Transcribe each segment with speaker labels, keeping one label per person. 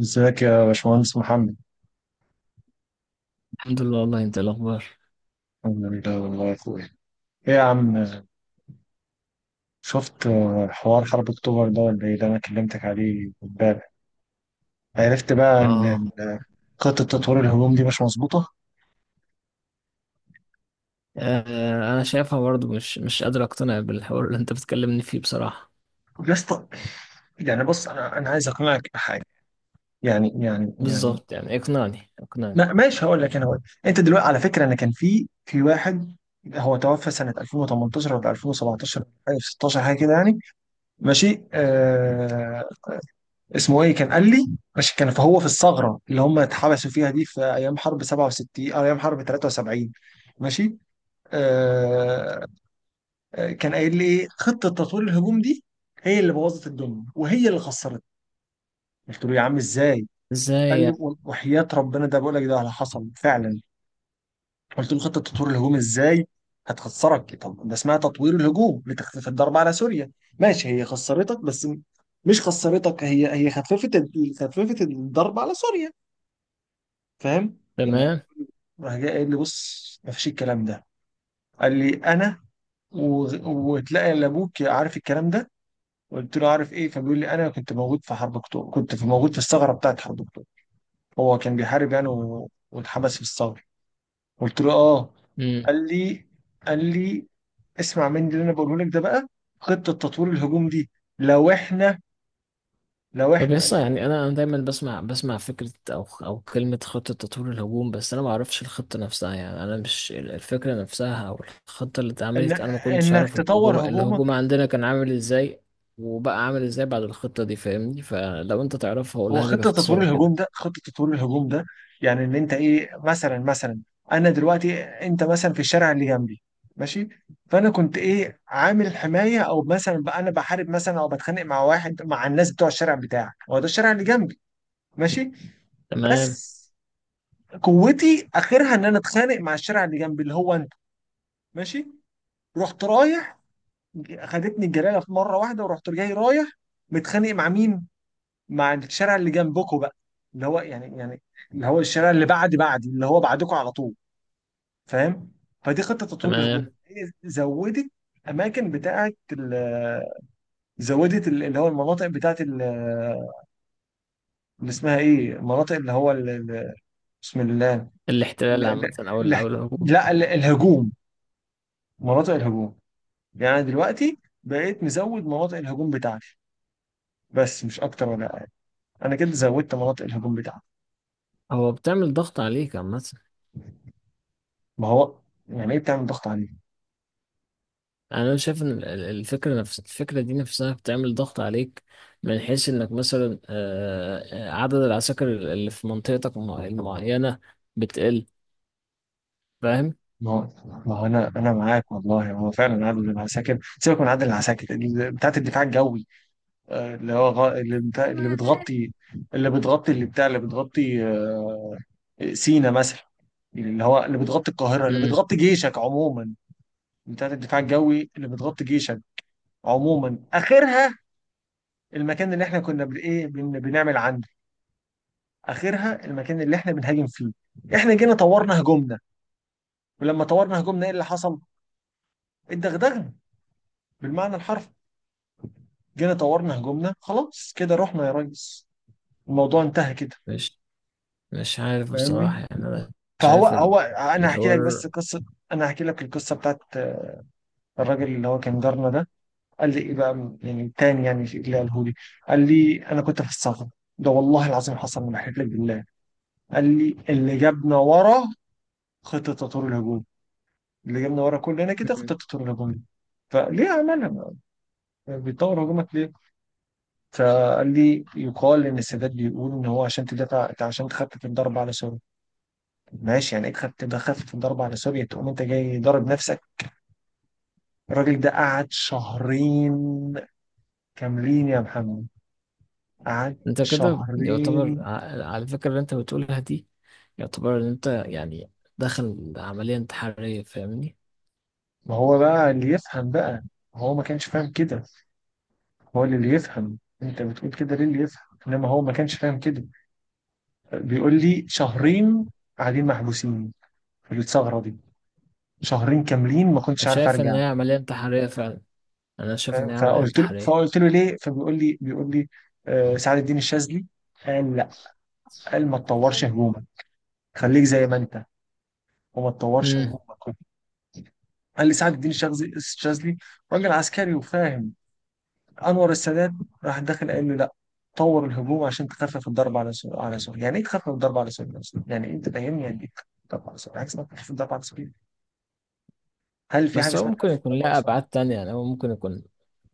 Speaker 1: ازيك يا باشمهندس محمد.
Speaker 2: الحمد لله، والله انت إيه الاخبار؟
Speaker 1: الحمد لله والله يا اخويا. ايه يا عم، شفت حوار حرب اكتوبر ده ولا ايه ده؟ انا كلمتك عليه امبارح. عرفت بقى ان
Speaker 2: اه.
Speaker 1: خطه تطوير الهجوم دي مش مظبوطه.
Speaker 2: آه، انا شايفها برضو مش قادر اقتنع بالحوار اللي انت بتكلمني فيه بصراحة.
Speaker 1: يا اسطى، يعني بص، انا عايز اقنعك بحاجه يعني يعني.
Speaker 2: بالظبط، يعني اقنعني اقنعني.
Speaker 1: ما ماشي، هقول لك، انا هقول. انت دلوقتي على فكره، انا كان في واحد، هو توفى سنه 2018 ولا 2017 حاجه 16 حاجه كده يعني، ماشي آه، اسمه ايه كان قال لي، عشان كان فهو في الثغره اللي هم اتحبسوا فيها دي في ايام حرب 67 او ايام حرب 73. ماشي آه. كان قايل لي ايه خطه تطوير الهجوم دي، هي اللي بوظت الدنيا وهي اللي خسرت. قلت له يا عم ازاي،
Speaker 2: ازاي
Speaker 1: قال لي
Speaker 2: يعني؟
Speaker 1: وحياة ربنا ده، بقول لك ده اللي حصل فعلا. قلت له خطه تطوير الهجوم ازاي هتخسرك؟ طب ده اسمها تطوير الهجوم لتخفيف الضرب على سوريا. ماشي، هي خسرتك بس مش خسرتك، هي خففت خففت الضرب على سوريا. فاهم يعني.
Speaker 2: تمام.
Speaker 1: راح جاي قايل لي بص، ما فيش الكلام ده. قال لي انا و... وتلاقي إلا ابوك عارف الكلام ده. قلت له عارف ايه، فبيقول لي انا كنت موجود في حرب اكتوبر، كنت في موجود في الثغره بتاعت حرب اكتوبر، هو كان بيحارب يعني واتحبس في الثغره. قلت له اه.
Speaker 2: امم.
Speaker 1: قال لي قال لي اسمع مني اللي انا بقوله لك ده بقى. خطه تطوير الهجوم دي لو احنا، لو
Speaker 2: طب
Speaker 1: احنا قال لي
Speaker 2: يسا،
Speaker 1: كده،
Speaker 2: يعني انا دايما بسمع فكرة او كلمة خطة تطوير الهجوم، بس انا ما اعرفش الخطة نفسها. يعني انا مش الفكرة نفسها او الخطة اللي
Speaker 1: إن...
Speaker 2: اتعملت، انا ما كنتش
Speaker 1: انك
Speaker 2: اعرف
Speaker 1: تطور
Speaker 2: الهجوم
Speaker 1: هجومك.
Speaker 2: عندنا كان عامل ازاي، وبقى عامل ازاي بعد الخطة دي. فاهمني؟ فلو انت تعرفها
Speaker 1: هو
Speaker 2: قولها لي
Speaker 1: خطة تطوير
Speaker 2: باختصار
Speaker 1: الهجوم
Speaker 2: كده.
Speaker 1: ده، خطة تطوير الهجوم ده يعني ان انت ايه، مثلا مثلا، انا دلوقتي انت مثلا في الشارع اللي جنبي، ماشي، فانا كنت ايه عامل حماية، او مثلا بقى انا بحارب مثلا او بتخانق مع واحد، مع الناس بتوع الشارع بتاعك، هو ده الشارع اللي جنبي. ماشي،
Speaker 2: تمام.
Speaker 1: بس قوتي اخرها ان انا اتخانق مع الشارع اللي جنبي اللي هو انت. ماشي، رحت رايح، خدتني الجلاله في مره واحده ورحت جاي رايح، متخانق مع مين؟ مع الشارع اللي جنبكم بقى، اللي هو يعني يعني، اللي هو الشارع اللي بعد بعدي اللي هو بعدكم على طول، فاهم. فدي خطه تطوير الهجوم،
Speaker 2: تمام.
Speaker 1: هي زودت اماكن بتاعه زودت اللي هو المناطق بتاعه اللي اسمها ايه، المناطق اللي هو ال- بسم الله، ال-
Speaker 2: الاحتلال
Speaker 1: ال-
Speaker 2: عامة، أو
Speaker 1: ال-
Speaker 2: أو الهجوم.
Speaker 1: لا، الهجوم، مناطق الهجوم. يعني دلوقتي بقيت مزود مناطق الهجوم بتاعتي، بس مش اكتر ولا اقل. انا كده زودت مناطق الهجوم بتاعتي.
Speaker 2: هو بتعمل ضغط عليك عامة؟
Speaker 1: ما هو، يعني ايه بتعمل ضغط عليه؟
Speaker 2: أنا شايف إن الفكرة، نفس الفكرة دي نفسها، بتعمل ضغط عليك، من حيث إنك مثلا عدد العساكر اللي في منطقتك المعينة بتقل. فاهم؟
Speaker 1: ما هو، ما هو انا معاك والله، هو فعلا عادل العساكر، سيبك من عادل العساكر، بتاعت الدفاع الجوي، اللي هو اللي بتغطي، اللي بتغطي اللي بتاع اللي بتغطي، سينا مثلا، اللي هو اللي بتغطي القاهره، اللي
Speaker 2: مم.
Speaker 1: بتغطي جيشك عموما، بتاعت الدفاع الجوي اللي بتغطي جيشك عموما، اخرها المكان اللي احنا كنا ايه بنعمل عنده، اخرها المكان اللي احنا بنهاجم فيه. احنا جينا طورنا هجومنا، ولما طورنا هجومنا ايه اللي حصل؟ اتدغدغنا، بالمعنى الحرفي. جينا طورنا هجومنا، خلاص كده رحنا يا ريس، الموضوع انتهى كده،
Speaker 2: مش مش عارف بصراحة،
Speaker 1: فاهمني.
Speaker 2: يعني أنا
Speaker 1: فهو
Speaker 2: شايف
Speaker 1: هو انا هحكي لك بس
Speaker 2: الحوار.
Speaker 1: قصه، انا هحكي لك القصه بتاعت الراجل اللي هو كان جارنا ده. قال لي ايه بقى يعني تاني يعني اللي قاله لي، قال لي انا كنت في الصف ده، والله العظيم حصل، ما بحلف لك بالله. قال لي اللي جابنا ورا خطه تطور الهجوم، اللي جابنا ورا كلنا كده
Speaker 2: مم.
Speaker 1: خطه تطور الهجوم دي، فليه عملها؟ بيطور هجومك ليه؟ فقال لي يقال ان السادات بيقول ان هو عشان تدافع، عشان تخفف الضرب على، ماشي يعني، اكسب تبقى، خفف الضرب على سوريا تقوم انت جاي ضارب نفسك. الراجل ده قعد شهرين كاملين يا محمد، قعد
Speaker 2: أنت كده يعتبر
Speaker 1: شهرين.
Speaker 2: على الفكرة اللي أنت بتقولها دي، يعتبر إن أنت يعني داخل عملية انتحارية. فاهمني؟
Speaker 1: ما هو بقى اللي يفهم بقى، هو ما كانش فاهم كده. هو اللي يفهم، انت بتقول كده ليه؟ اللي يفهم، انما هو ما كانش فاهم كده. بيقول لي شهرين قاعدين محبوسين في الثغره دي، شهرين كاملين ما كنتش عارف
Speaker 2: شايف إن
Speaker 1: ارجع،
Speaker 2: هي عملية انتحارية فعلا. أنا شايف إن
Speaker 1: فاهم؟
Speaker 2: هي عملية
Speaker 1: فقلت له
Speaker 2: انتحارية.
Speaker 1: فقلت له ليه؟ فبيقول لي، بيقول لي سعد الدين الشاذلي قال لا، قال ما تطورش هجوم، خليك زي ما انت وما تطورش
Speaker 2: امم.
Speaker 1: هجومك. قال لي سعد الدين الشاذلي راجل عسكري وفاهم. انور السادات راح داخل قال له لا، طور الهجوم عشان تخفف الضرب على سوريا، على سوريا. يعني ايه تخفف الضرب على سوريا أصلاً؟ يعني إيه انت، فاهمني؟ يعني ايه تخفف الضرب على سوريا، حاجه اسمها تخفف الضرب على سوريا؟ هل في حاجه
Speaker 2: بس هو
Speaker 1: اسمها
Speaker 2: ممكن
Speaker 1: تخفف
Speaker 2: يكون
Speaker 1: الضرب على
Speaker 2: لها
Speaker 1: سوريا؟
Speaker 2: أبعاد تانية، يعني هو ممكن يكون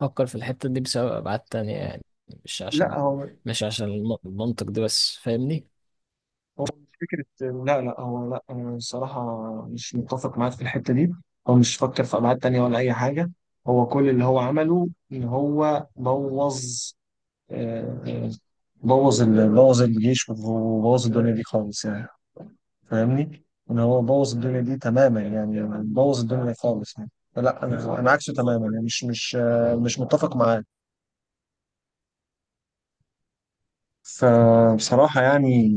Speaker 2: فكر في الحتة دي بسبب أبعاد تانية، يعني مش عشان،
Speaker 1: لا هو،
Speaker 2: مش عشان المنطق ده بس. فاهمني؟
Speaker 1: هو مش فكره، لا لا هو لا انا الصراحه مش متفق معاك في الحته دي. هو مش فكر في ابعاد تانيه ولا اي حاجه، هو كل اللي هو عمله ان هو بوظ، آه، بوظ بوظ الجيش وبوظ الدنيا دي خالص يعني، فاهمني. ان هو بوظ الدنيا دي تماما يعني، بوظ الدنيا خالص يعني، فلا انا عكسه تماما يعني، مش متفق معاه. فبصراحة يعني،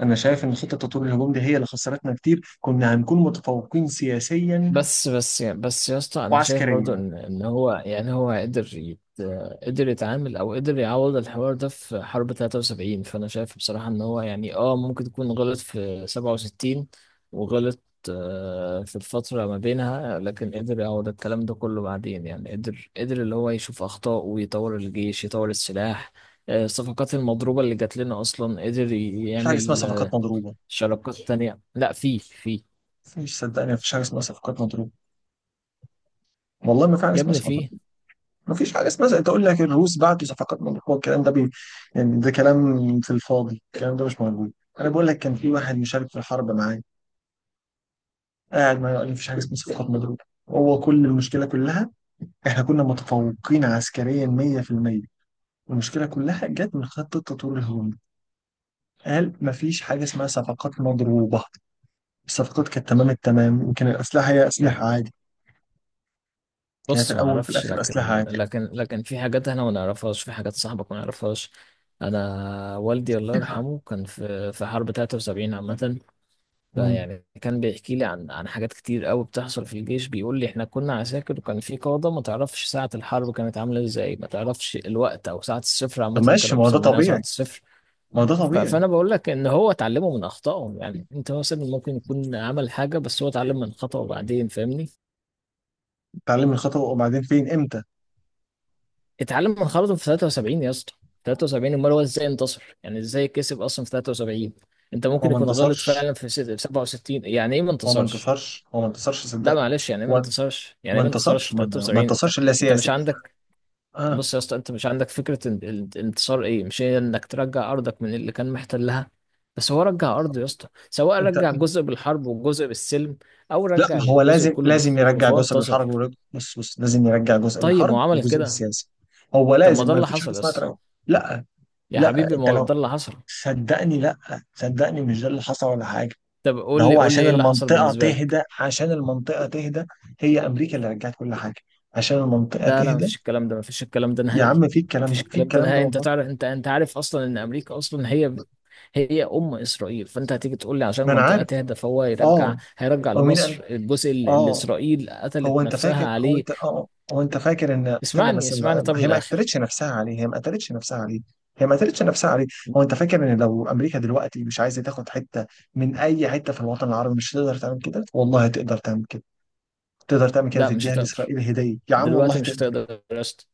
Speaker 1: أنا شايف إن خطة تطوير الهجوم دي هي اللي خسرتنا كتير، كنا هنكون متفوقين سياسيا
Speaker 2: بس يا اسطى، انا شايف برضو
Speaker 1: وعسكريا.
Speaker 2: ان هو، يعني هو قدر قدر يتعامل او قدر يعوض الحوار ده في حرب 73. فانا شايف بصراحة ان هو يعني ممكن يكون غلط في 67، وغلط في الفترة ما بينها، لكن قدر يعوض الكلام ده كله بعدين. يعني قدر، اللي هو يشوف اخطاء ويطور الجيش، يطور السلاح، الصفقات المضروبة اللي جات لنا اصلا، قدر
Speaker 1: مفيش حاجة اسمها
Speaker 2: يعمل
Speaker 1: صفقات مضروبة.
Speaker 2: شراكات تانية. لا، في. في،
Speaker 1: مفيش صدقني، مفيش حاجة اسمها صفقات مضروبة، والله ما في حاجة
Speaker 2: يا
Speaker 1: اسمها
Speaker 2: ابني،
Speaker 1: صفقات.
Speaker 2: في.
Speaker 1: ما فيش حاجه اسمها زي انت تقول لك الروس بعتوا صفقات، من هو الكلام ده بي، يعني ده كلام في الفاضي، الكلام ده مش موجود. انا بقول لك كان في واحد مشارك في الحرب معايا، قاعد معايا قال مفيش حاجه اسمها صفقات مضروبه، هو كل المشكله كلها، احنا كنا متفوقين عسكريا 100%، المشكله كلها جت من خط التطوير الهجومي. قال مفيش حاجه اسمها صفقات مضروبه، الصفقات كانت تمام التمام، وكان الاسلحه هي اسلحه عادي، يعني في
Speaker 2: بص، ما
Speaker 1: الاول وفي
Speaker 2: اعرفش،
Speaker 1: الاخر اسلحه
Speaker 2: لكن
Speaker 1: عادي.
Speaker 2: في حاجات احنا ما نعرفهاش، في حاجات صاحبك ما يعرفهاش. انا والدي الله يرحمه كان في حرب 73 عامه.
Speaker 1: مم.
Speaker 2: فيعني كان بيحكي لي عن حاجات كتير قوي بتحصل في الجيش. بيقول لي احنا كنا عساكر، وكان في قاده ما تعرفش ساعه الحرب كانت عامله ازاي، ما تعرفش الوقت او ساعه الصفر،
Speaker 1: طب
Speaker 2: عامه
Speaker 1: ماشي،
Speaker 2: كانوا
Speaker 1: ما هو ده
Speaker 2: مسمينها ساعه
Speaker 1: طبيعي.
Speaker 2: الصفر.
Speaker 1: ما هو ده طبيعي
Speaker 2: فانا بقول لك ان هو اتعلمه من اخطائه. يعني انت مثلا ممكن يكون عمل حاجه، بس هو اتعلم من خطأه بعدين. فاهمني؟
Speaker 1: اتعلم الخطأ وبعدين، فين، امتى؟
Speaker 2: اتعلم من خرطه في 73 يا اسطى. 73، امال هو ازاي انتصر؟ يعني ازاي كسب اصلا في 73؟ انت
Speaker 1: هو
Speaker 2: ممكن
Speaker 1: ما
Speaker 2: يكون غلط
Speaker 1: انتصرش،
Speaker 2: فعلا في في 67، يعني ايه ما
Speaker 1: هو ما
Speaker 2: انتصرش؟
Speaker 1: انتصرش هو ما انتصرش
Speaker 2: لا
Speaker 1: صدقني.
Speaker 2: معلش، يعني ايه ما
Speaker 1: هو
Speaker 2: انتصرش؟ يعني
Speaker 1: ما
Speaker 2: ايه ما انتصرش
Speaker 1: انتصرش
Speaker 2: في
Speaker 1: ما
Speaker 2: 73 انت؟
Speaker 1: انتصرش الا
Speaker 2: انت مش
Speaker 1: سياسي.
Speaker 2: عندك.
Speaker 1: اه.
Speaker 2: بص يا اسطى، انت مش عندك فكره الانتصار ايه. مش هي انك ترجع ارضك من اللي كان محتلها؟ بس هو رجع ارضه يا اسطى، سواء
Speaker 1: انت،
Speaker 2: رجع جزء بالحرب وجزء بالسلم، او
Speaker 1: لا
Speaker 2: رجع
Speaker 1: ما هو
Speaker 2: الجزء
Speaker 1: لازم،
Speaker 2: كله
Speaker 1: لازم
Speaker 2: بالسلم،
Speaker 1: يرجع
Speaker 2: فهو
Speaker 1: جزء بالحرب
Speaker 2: انتصر.
Speaker 1: ورج- بص بص لازم يرجع جزء
Speaker 2: طيب، ما
Speaker 1: بالحرب
Speaker 2: هو عمل
Speaker 1: وجزء
Speaker 2: كده.
Speaker 1: بالسياسي. هو
Speaker 2: طب ما
Speaker 1: لازم،
Speaker 2: ده
Speaker 1: ما
Speaker 2: اللي
Speaker 1: فيش حاجه
Speaker 2: حصل يا
Speaker 1: اسمها
Speaker 2: اسطى.
Speaker 1: تراجع. لا
Speaker 2: يا
Speaker 1: لا،
Speaker 2: حبيبي، ما
Speaker 1: انت
Speaker 2: هو
Speaker 1: لو،
Speaker 2: ده اللي حصل.
Speaker 1: صدقني لا، صدقني مش ده اللي حصل ولا حاجه.
Speaker 2: طب
Speaker 1: ده
Speaker 2: قول لي،
Speaker 1: هو
Speaker 2: قول لي
Speaker 1: عشان
Speaker 2: ايه اللي حصل
Speaker 1: المنطقه
Speaker 2: بالنسبه لك.
Speaker 1: تهدى، عشان المنطقه تهدى، هي امريكا اللي رجعت كل حاجه عشان المنطقه
Speaker 2: لا، لا،
Speaker 1: تهدى.
Speaker 2: مفيش الكلام ده، مفيش الكلام ده
Speaker 1: يا
Speaker 2: نهائي.
Speaker 1: عم في الكلام
Speaker 2: مفيش
Speaker 1: ده، في
Speaker 2: الكلام ده
Speaker 1: الكلام ده
Speaker 2: نهائي. انت
Speaker 1: والله.
Speaker 2: تعرف، انت عارف اصلا ان امريكا اصلا هي هي ام اسرائيل، فانت هتيجي تقول لي عشان
Speaker 1: ما انا
Speaker 2: المنطقه
Speaker 1: عارف،
Speaker 2: تهدى فهو يرجع،
Speaker 1: اه،
Speaker 2: هيرجع
Speaker 1: هو مين قال،
Speaker 2: لمصر الجزء اللي
Speaker 1: اه،
Speaker 2: اسرائيل
Speaker 1: هو
Speaker 2: قتلت
Speaker 1: انت
Speaker 2: نفسها
Speaker 1: فاكر، هو
Speaker 2: عليه؟
Speaker 1: انت اه، هو انت فاكر ان، استنى
Speaker 2: اسمعني،
Speaker 1: بس،
Speaker 2: اسمعني، طب
Speaker 1: هي ما
Speaker 2: للاخر.
Speaker 1: قتلتش نفسها عليه، هي ما قتلتش نفسها عليه هي ما قتلتش نفسها عليه. هو انت فاكر ان لو امريكا دلوقتي مش عايزه تاخد حته من اي حته في الوطن العربي مش تقدر تعمل كده؟ والله تقدر تعمل كده، تقدر تعمل كده
Speaker 2: لا، مش
Speaker 1: تديها
Speaker 2: هتقدر،
Speaker 1: لاسرائيل هديه يا عم
Speaker 2: دلوقتي
Speaker 1: والله
Speaker 2: مش
Speaker 1: تقدر.
Speaker 2: هتقدر يا اسطى.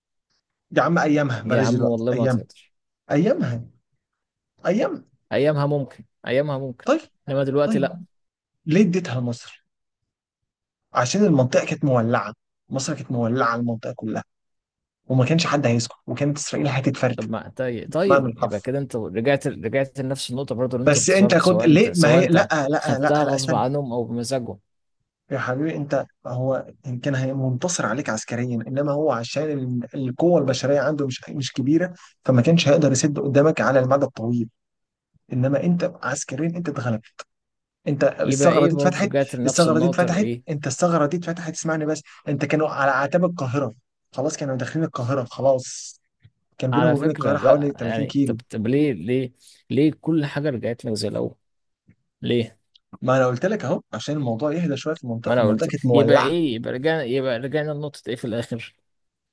Speaker 1: يا عم ايامها،
Speaker 2: يا
Speaker 1: بلاش
Speaker 2: عم،
Speaker 1: دلوقتي،
Speaker 2: والله ما
Speaker 1: ايامها
Speaker 2: هتقدر.
Speaker 1: ايامها ايامها.
Speaker 2: ايامها ممكن، ايامها ممكن،
Speaker 1: طيب
Speaker 2: انما دلوقتي لا.
Speaker 1: طيب، ليه اديتها لمصر؟ عشان المنطقه كانت مولعه، مصر كانت مولعه، المنطقه كلها، وما كانش حد هيسكت، وكانت اسرائيل هتتفرد،
Speaker 2: طب، ما طيب،
Speaker 1: بمعنى
Speaker 2: طيب، يبقى
Speaker 1: الحرفي.
Speaker 2: كده انت رجعت، لنفس النقطة برضو اللي انت
Speaker 1: بس انت
Speaker 2: انتصرت.
Speaker 1: كنت ليه، ما
Speaker 2: سواء
Speaker 1: هي لا
Speaker 2: انت
Speaker 1: لا لا
Speaker 2: خدتها
Speaker 1: لا
Speaker 2: غصب
Speaker 1: استنى،
Speaker 2: عنهم او بمزاجهم.
Speaker 1: يا حبيبي انت هو ان كان منتصر عليك عسكريا، انما هو عشان القوه البشريه عنده مش كبيره، فما كانش هيقدر يسد قدامك على المدى الطويل، انما انت عسكريا انت اتغلبت، انت
Speaker 2: يبقى
Speaker 1: الثغره
Speaker 2: ايه؟
Speaker 1: دي
Speaker 2: برضو
Speaker 1: اتفتحت،
Speaker 2: رجعت لنفس
Speaker 1: الثغره دي
Speaker 2: النقطة
Speaker 1: اتفتحت
Speaker 2: ايه.
Speaker 1: انت الثغره دي اتفتحت اسمعني بس. انت كانوا على اعتاب القاهره، خلاص كانوا داخلين القاهره، خلاص كان بينهم
Speaker 2: على
Speaker 1: وبين
Speaker 2: فكرة
Speaker 1: القاهره حوالي
Speaker 2: لا،
Speaker 1: 30
Speaker 2: يعني طب،
Speaker 1: كيلو.
Speaker 2: طب، ليه كل حاجة رجعت لك زي الاول؟ ليه؟
Speaker 1: ما انا قلت لك اهو عشان الموضوع يهدى شويه في
Speaker 2: ما
Speaker 1: المنطقه،
Speaker 2: انا
Speaker 1: المنطقه
Speaker 2: قلت
Speaker 1: كانت
Speaker 2: يبقى
Speaker 1: مولعه.
Speaker 2: ايه، يبقى رجعنا، لنقطة ايه في الاخر؟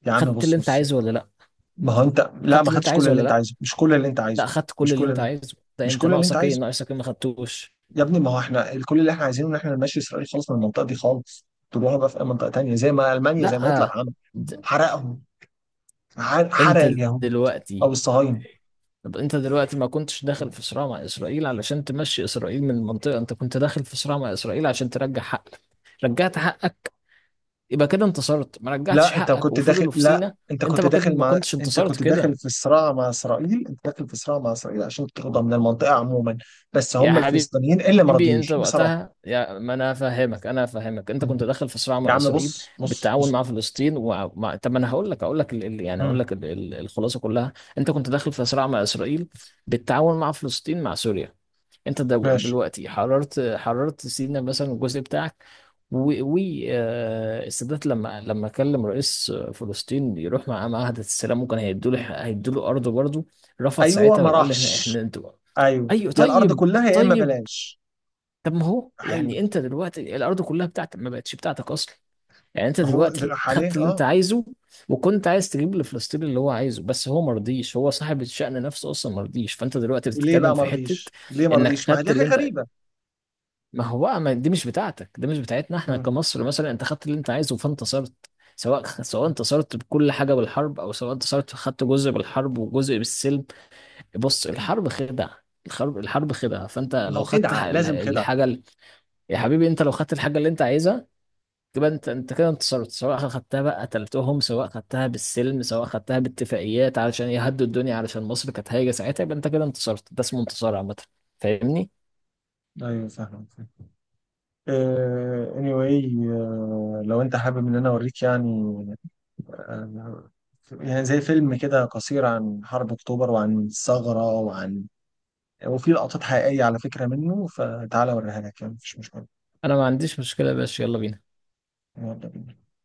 Speaker 1: يا عم
Speaker 2: خدت اللي
Speaker 1: بص
Speaker 2: انت
Speaker 1: بص
Speaker 2: عايزه ولا لا؟
Speaker 1: ما هو انت، لا
Speaker 2: خدت
Speaker 1: ما
Speaker 2: اللي انت
Speaker 1: خدتش كل
Speaker 2: عايزه
Speaker 1: اللي
Speaker 2: ولا
Speaker 1: انت
Speaker 2: لا؟
Speaker 1: عايزه، مش كل اللي انت
Speaker 2: لا،
Speaker 1: عايزه،
Speaker 2: خدت
Speaker 1: مش
Speaker 2: كل اللي
Speaker 1: كل
Speaker 2: انت
Speaker 1: اللي
Speaker 2: عايزه. ده
Speaker 1: مش
Speaker 2: انت
Speaker 1: كل اللي انت
Speaker 2: ناقصك ايه؟
Speaker 1: عايزه.
Speaker 2: ناقصك ايه ما خدتوش؟
Speaker 1: يا ابني، ما هو احنا كل اللي احنا عايزينه ان احنا نمشي اسرائيل خالص من المنطقه دي خالص، تروحوا بقى في اي منطقه تانيه زي ما المانيا،
Speaker 2: لا،
Speaker 1: زي ما هتلر عمل،
Speaker 2: د-
Speaker 1: حرقهم، حرق
Speaker 2: انت
Speaker 1: اليهود او
Speaker 2: دلوقتي.
Speaker 1: الصهاينه.
Speaker 2: طب انت دلوقتي ما كنتش داخل في صراع مع اسرائيل علشان تمشي اسرائيل من المنطقه، انت كنت داخل في صراع مع اسرائيل عشان ترجع حقك. رجعت حقك، يبقى كده انتصرت. ما رجعتش
Speaker 1: لا انت
Speaker 2: حقك
Speaker 1: كنت داخل،
Speaker 2: وفضلوا في
Speaker 1: لا
Speaker 2: سينا؟
Speaker 1: انت
Speaker 2: انت
Speaker 1: كنت
Speaker 2: ما كنت
Speaker 1: داخل
Speaker 2: ما
Speaker 1: مع
Speaker 2: كنتش
Speaker 1: انت
Speaker 2: انتصرت
Speaker 1: كنت داخل
Speaker 2: كده.
Speaker 1: في صراع مع اسرائيل، انت داخل في صراع مع اسرائيل عشان تاخدها من المنطقه عموما، بس
Speaker 2: يا
Speaker 1: هم
Speaker 2: حبيبي،
Speaker 1: الفلسطينيين اللي ما
Speaker 2: انت
Speaker 1: رضيوش بصراحه.
Speaker 2: وقتها يا ما انا فاهمك، انا فاهمك. انت كنت داخل في صراع
Speaker 1: يا
Speaker 2: مع
Speaker 1: عم
Speaker 2: اسرائيل
Speaker 1: بص بص
Speaker 2: بالتعاون
Speaker 1: بص
Speaker 2: مع فلسطين، طب ما انا هقول لك، هقول لك يعني هقول
Speaker 1: مم.
Speaker 2: لك الخلاصه كلها. انت كنت داخل في صراع مع اسرائيل بالتعاون مع فلسطين، مع سوريا. انت
Speaker 1: ماشي.
Speaker 2: دلوقتي حررت، سينا مثلا، الجزء بتاعك. والسادات لما كلم رئيس فلسطين يروح معاه معاهدة السلام، ممكن هيدوا له، هيدوا له أرضه برضه. رفض
Speaker 1: ايوه
Speaker 2: ساعتها
Speaker 1: ما
Speaker 2: وقال احنا،
Speaker 1: راحش،
Speaker 2: انتوا.
Speaker 1: ايوه،
Speaker 2: ايوه،
Speaker 1: يا الارض
Speaker 2: طيب.
Speaker 1: كلها يا اما
Speaker 2: طيب.
Speaker 1: بلاش.
Speaker 2: طب ما هو
Speaker 1: حلو،
Speaker 2: يعني انت دلوقتي الأرض كلها بتاعتك، ما بقتش بتاعتك أصلا. يعني انت
Speaker 1: ما هو
Speaker 2: دلوقتي
Speaker 1: ده حاليا
Speaker 2: خدت اللي انت
Speaker 1: اه.
Speaker 2: عايزه، وكنت عايز تجيب لفلسطين اللي هو عايزه، بس هو مرضيش، هو صاحب الشأن نفسه اصلا مرضيش. فانت دلوقتي
Speaker 1: ليه
Speaker 2: بتتكلم
Speaker 1: بقى ما
Speaker 2: في حتة
Speaker 1: رضيش؟ ليه ما
Speaker 2: انك
Speaker 1: رضيش؟ ما هي دي
Speaker 2: خدت اللي
Speaker 1: حاجه
Speaker 2: انت.
Speaker 1: غريبه.
Speaker 2: ما هو بقى، ما دي مش بتاعتك، دي مش بتاعتنا احنا
Speaker 1: مم.
Speaker 2: كمصر مثلا. انت خدت اللي انت عايزه فانتصرت. سواء انتصرت بكل حاجه بالحرب، او سواء انتصرت خدت جزء بالحرب وجزء بالسلم. بص، الحرب خدعه، الحرب خدعه. فانت
Speaker 1: ما هو
Speaker 2: لو خدت
Speaker 1: خدعه، لازم خدعه.
Speaker 2: الحاجه يا حبيبي، انت لو خدت الحاجه اللي انت عايزها، تبقى انت انت كده انتصرت، سواء خدتها بقى قتلتهم، سواء خدتها بالسلم، سواء خدتها باتفاقيات علشان يهدوا الدنيا، علشان مصر كانت هايجه ساعتها، يبقى انت كده انتصرت. ده اسمه انتصار عامه. فاهمني؟
Speaker 1: ايوه فاهم، فاهم. آه anyway، آه لو انت حابب ان انا اوريك يعني، آه، يعني زي فيلم كده قصير عن حرب اكتوبر وعن الثغره وعن، وفي لقطات حقيقيه على فكره منه، فتعالى اوريها لك يعني، مفيش مشكله.
Speaker 2: انا ما عنديش مشكله يا باشا، يلا بينا.
Speaker 1: يلا بينا.